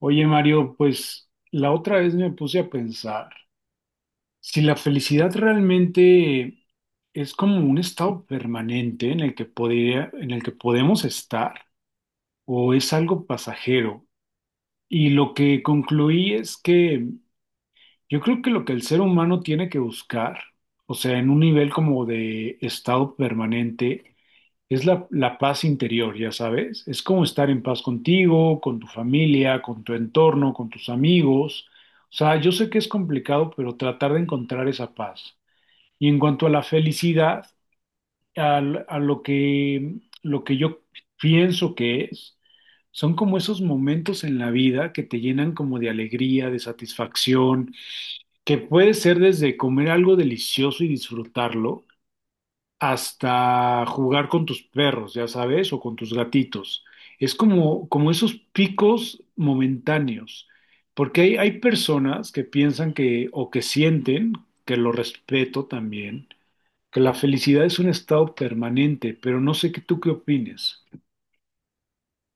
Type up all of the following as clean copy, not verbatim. Oye, Mario, pues la otra vez me puse a pensar, si la felicidad realmente es como un estado permanente en el que en el que podemos estar, o es algo pasajero. Y lo que concluí es que yo creo que lo que el ser humano tiene que buscar, o sea, en un nivel como de estado permanente, es la paz interior, ya sabes. Es como estar en paz contigo, con tu familia, con tu entorno, con tus amigos. O sea, yo sé que es complicado, pero tratar de encontrar esa paz. Y en cuanto a la felicidad, al- a, lo que, lo que yo pienso que es, son como esos momentos en la vida que te llenan como de alegría, de satisfacción, que puede ser desde comer algo delicioso y disfrutarlo hasta jugar con tus perros, ya sabes, o con tus gatitos. Es como esos picos momentáneos, porque hay personas que piensan que, o que sienten, que lo respeto también, que la felicidad es un estado permanente, pero no sé qué tú qué opines.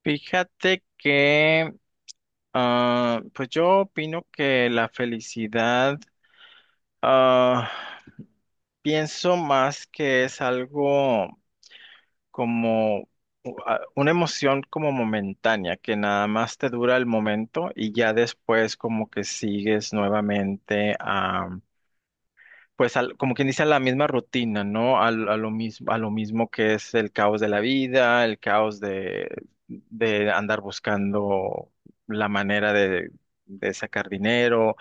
Fíjate que, pues yo opino que la felicidad, ah, pienso más que es algo como una emoción como momentánea, que nada más te dura el momento y ya después como que sigues nuevamente pues como quien dice, a la misma rutina, ¿no? A lo mismo, a lo mismo que es el caos de la vida, el caos de andar buscando la manera de sacar dinero,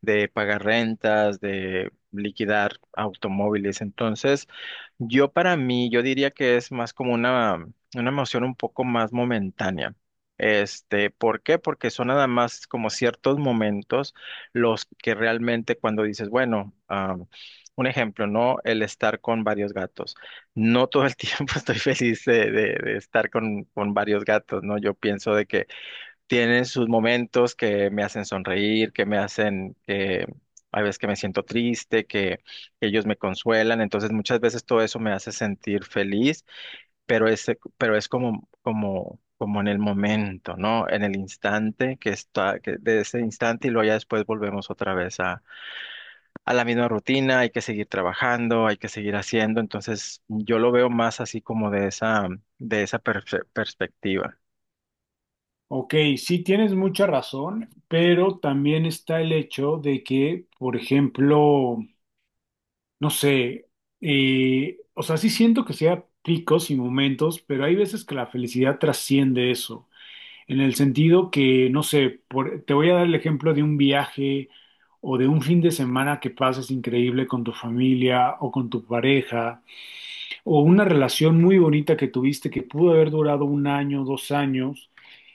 de pagar rentas, de liquidar automóviles. Entonces, yo para mí, yo diría que es más como una emoción un poco más momentánea. Este, ¿por qué? Porque son nada más como ciertos momentos los que realmente cuando dices, bueno, un ejemplo, ¿no? El estar con varios gatos. No todo el tiempo estoy feliz de estar con varios gatos, ¿no? Yo pienso de que tienen sus momentos que me hacen sonreír, que me hacen, que hay veces que me siento triste, que ellos me consuelan. Entonces, muchas veces todo eso me hace sentir feliz, pero es, pero es como, como en el momento, ¿no? En el instante que está, que de ese instante y luego ya después volvemos otra vez a la misma rutina, hay que seguir trabajando, hay que seguir haciendo. Entonces, yo lo veo más así como de de esa perspectiva. Ok, sí tienes mucha razón, pero también está el hecho de que, por ejemplo, no sé, o sea, sí siento que sea picos y momentos, pero hay veces que la felicidad trasciende eso, en el sentido que, no sé, te voy a dar el ejemplo de un viaje o de un fin de semana que pases increíble con tu familia o con tu pareja, o una relación muy bonita que tuviste que pudo haber durado un año, dos años.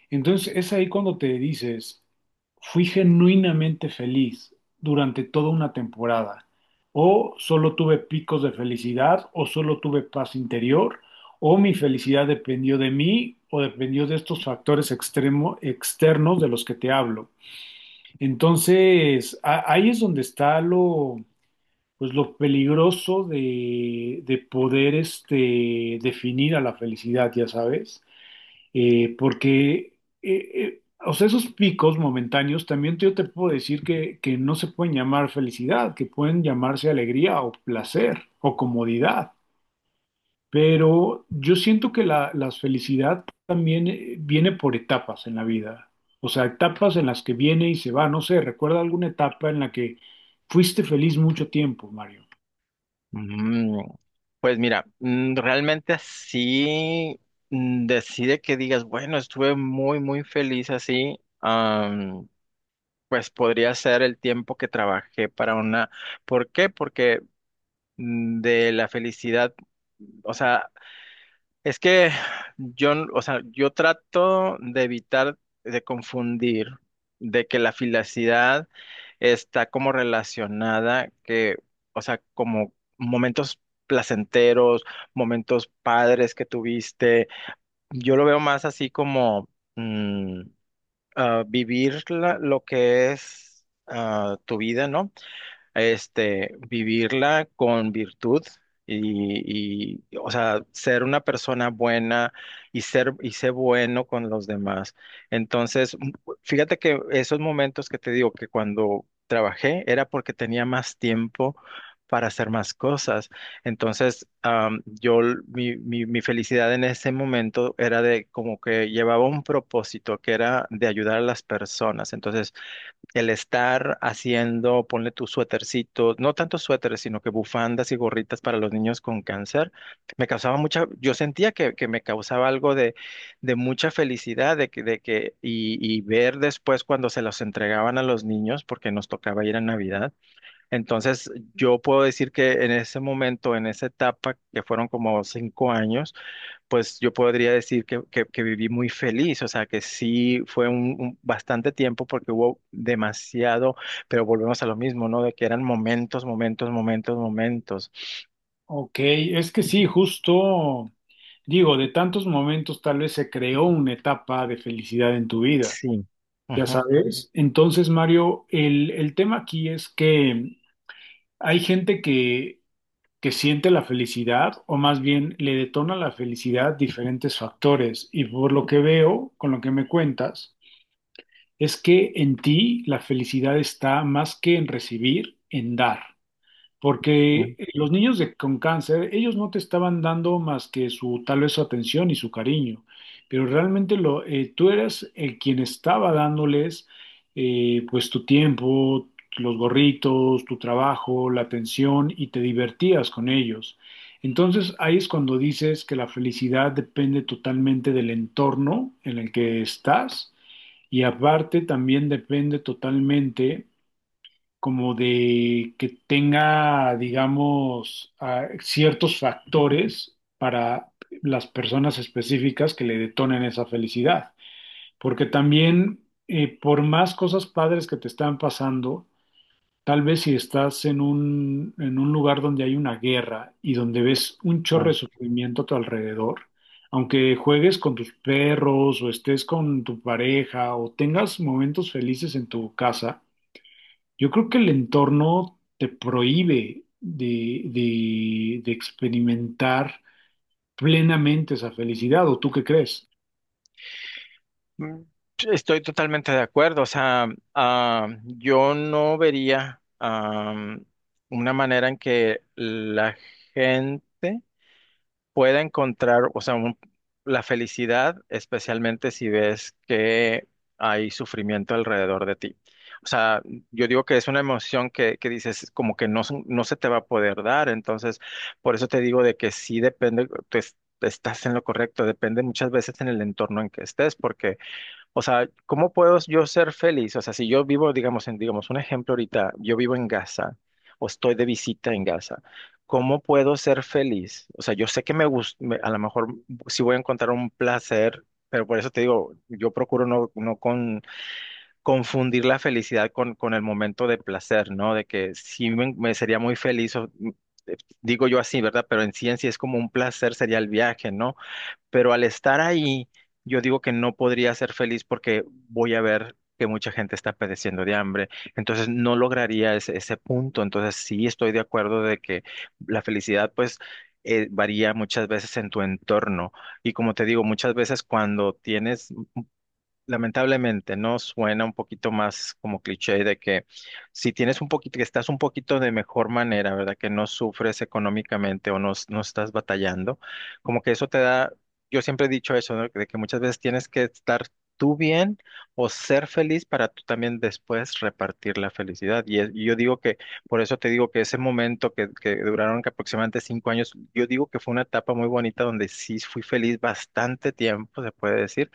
Entonces es ahí cuando te dices, fui genuinamente feliz durante toda una temporada, o solo tuve picos de felicidad, o solo tuve paz interior, o mi felicidad dependió de mí, o dependió de estos factores externos de los que te hablo. Entonces ahí es donde está pues lo peligroso de poder este, definir a la felicidad, ya sabes, porque o sea, esos picos momentáneos también yo te puedo decir que no se pueden llamar felicidad, que pueden llamarse alegría o placer o comodidad, pero yo siento que la felicidad también viene por etapas en la vida, o sea, etapas en las que viene y se va, no sé, recuerda alguna etapa en la que fuiste feliz mucho tiempo, Mario. Mm. Pues mira, realmente así decide que digas, bueno, estuve muy, muy feliz así. Pues podría ser el tiempo que trabajé para una. ¿Por qué? Porque de la felicidad, o sea, es que o sea, yo trato de evitar de confundir de que la filacidad está como relacionada que, o sea, como momentos placenteros, momentos padres que tuviste. Yo lo veo más así como mm, vivir lo que es tu vida, ¿no? Este, vivirla con virtud o sea, ser una persona buena y ser bueno con los demás. Entonces, fíjate que esos momentos que te digo que cuando trabajé era porque tenía más tiempo para hacer más cosas. Entonces, am, yo, l- mi felicidad en ese momento era de como que llevaba un propósito que era de ayudar a las personas. Entonces, el estar haciendo, ponle tus suétercitos, no tanto suéteres, sino que bufandas y gorritas para los niños con cáncer, me causaba mucha, yo sentía que me causaba algo de mucha felicidad, y ver después cuando se los entregaban a los niños, porque nos tocaba ir a Navidad. Entonces, yo puedo decir que en ese momento, en esa etapa, que fueron como 5 años, pues yo podría decir que viví muy feliz, o sea que sí fue un bastante tiempo porque hubo demasiado, pero volvemos a lo mismo, ¿no? De que eran momentos, momentos, momentos, momentos. Ok, es que sí, justo digo, de tantos momentos tal vez se creó una etapa de felicidad en tu vida. Sí. Ya Ujú, sabes. Entonces, Mario, el tema aquí es que hay gente que siente la felicidad o más bien le detona la felicidad diferentes factores. Y por lo que veo, con lo que me cuentas, es que en ti la felicidad está más que en recibir, en dar. ujú. Porque los niños con cáncer, ellos no te estaban dando más que su tal vez su atención y su cariño, pero realmente lo, tú eras el quien estaba dándoles pues tu tiempo, los gorritos, tu trabajo, la atención y te divertías con ellos. Entonces ahí es cuando dices que la felicidad depende totalmente del entorno en el que estás y aparte también depende totalmente como de que tenga, digamos, ciertos factores para las personas específicas que le detonen esa felicidad. Porque también, por más cosas padres que te están pasando, tal vez si estás en un lugar donde hay una guerra y donde ves un chorro de Ay. sufrimiento a tu alrededor, aunque juegues con tus perros o estés con tu pareja o tengas momentos felices en tu casa, yo creo que el entorno te prohíbe de, de experimentar plenamente esa felicidad, ¿o tú qué crees? Mm. Estoy totalmente de acuerdo, o sea, yo no vería una manera en que la gente pueda encontrar, o sea, la felicidad, especialmente si ves que hay sufrimiento alrededor de ti. O sea, yo digo que es una emoción que dices como que no, no se te va a poder dar, entonces por eso te digo de que sí depende, estás en lo correcto, depende muchas veces en el entorno en que estés, porque o sea, ¿cómo puedo yo ser feliz? O sea, si yo vivo, digamos, en, digamos, un ejemplo ahorita, yo vivo en Gaza o estoy de visita en Gaza, ¿cómo puedo ser feliz? O sea, yo sé que me gusta, a lo mejor sí voy a encontrar un placer, pero por eso te digo, yo procuro no, no con, confundir la felicidad con el momento de placer, ¿no? De que me sería muy feliz, o, digo yo así, ¿verdad? Pero en ciencia es como un placer, sería el viaje, ¿no? Pero al estar ahí, yo digo que no podría ser feliz porque voy a ver que mucha gente está padeciendo de hambre, entonces no lograría ese punto, entonces sí estoy de acuerdo de que la felicidad pues varía muchas veces en tu entorno y como te digo, muchas veces cuando tienes lamentablemente, ¿no? Suena un poquito más como cliché de que si tienes un poquito, que estás un poquito de mejor manera, ¿verdad? Que no sufres económicamente o no, no estás batallando, como que eso te da, yo siempre he dicho eso, ¿no? De que muchas veces tienes que estar tú bien o ser feliz para tú también después repartir la felicidad. Y yo digo que, por eso te digo que ese momento que duraron que aproximadamente 5 años, yo digo que fue una etapa muy bonita donde sí fui feliz bastante tiempo, se puede decir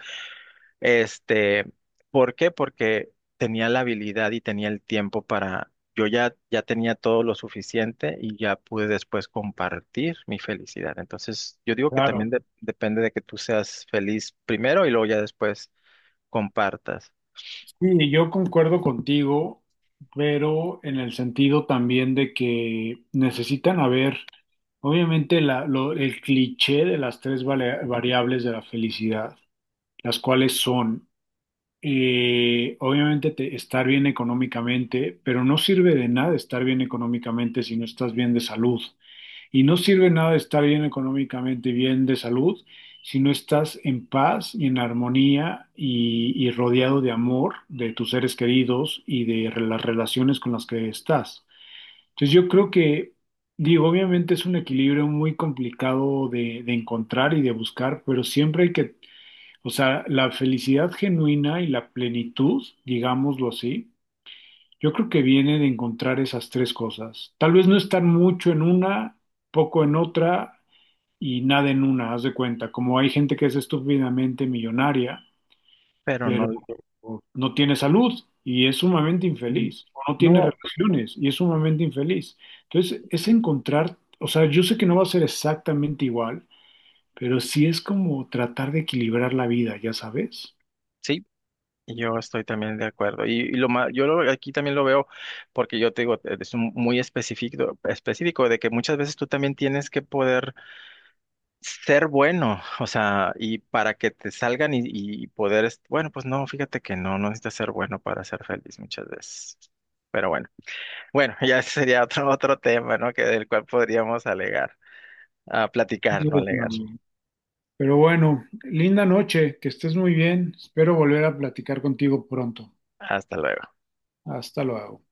este, ¿por qué? Porque tenía la habilidad y tenía el tiempo para, ya tenía todo lo suficiente y ya pude después compartir mi felicidad. Entonces, yo digo que Claro. también depende de que tú seas feliz primero y luego ya después compartas. Sí, yo concuerdo contigo, pero en el sentido también de que necesitan haber, obviamente, el cliché de las tres variables de la felicidad, las cuales son, obviamente, estar bien económicamente, pero no sirve de nada estar bien económicamente si no estás bien de salud. Y no sirve nada estar bien económicamente, bien de salud, si no estás en paz y en armonía y rodeado de amor de tus seres queridos y de las relaciones con las que estás. Entonces yo creo que, digo, obviamente es un equilibrio muy complicado de encontrar y de buscar, pero siempre hay que, o sea, la felicidad genuina y la plenitud, digámoslo así, yo creo que viene de encontrar esas tres cosas. Tal vez no estar mucho en una poco en otra y nada en una, haz de cuenta. Como hay gente que es estúpidamente millonaria, Pero pero no, no tiene salud y es sumamente mm, infeliz, o no tiene no, relaciones y es sumamente infeliz. Entonces, es encontrar, o sea, yo sé que no va a ser exactamente igual, pero sí es como tratar de equilibrar la vida, ya sabes. sí, yo estoy también de acuerdo. Y lo aquí también lo veo porque yo te digo, es muy específico, específico de que muchas veces tú también tienes que poder ser bueno, o sea, y para que te salgan y poder, bueno, pues no, fíjate que no, no necesitas ser bueno para ser feliz muchas veces. Pero bueno, bueno, ya sería otro, otro tema, ¿no? Que del cual podríamos alegar, ah, Sí, platicar, no es, alegar. mami. Pero bueno, linda noche, que estés muy bien. Espero volver a platicar contigo pronto. Hasta luego. Hasta luego.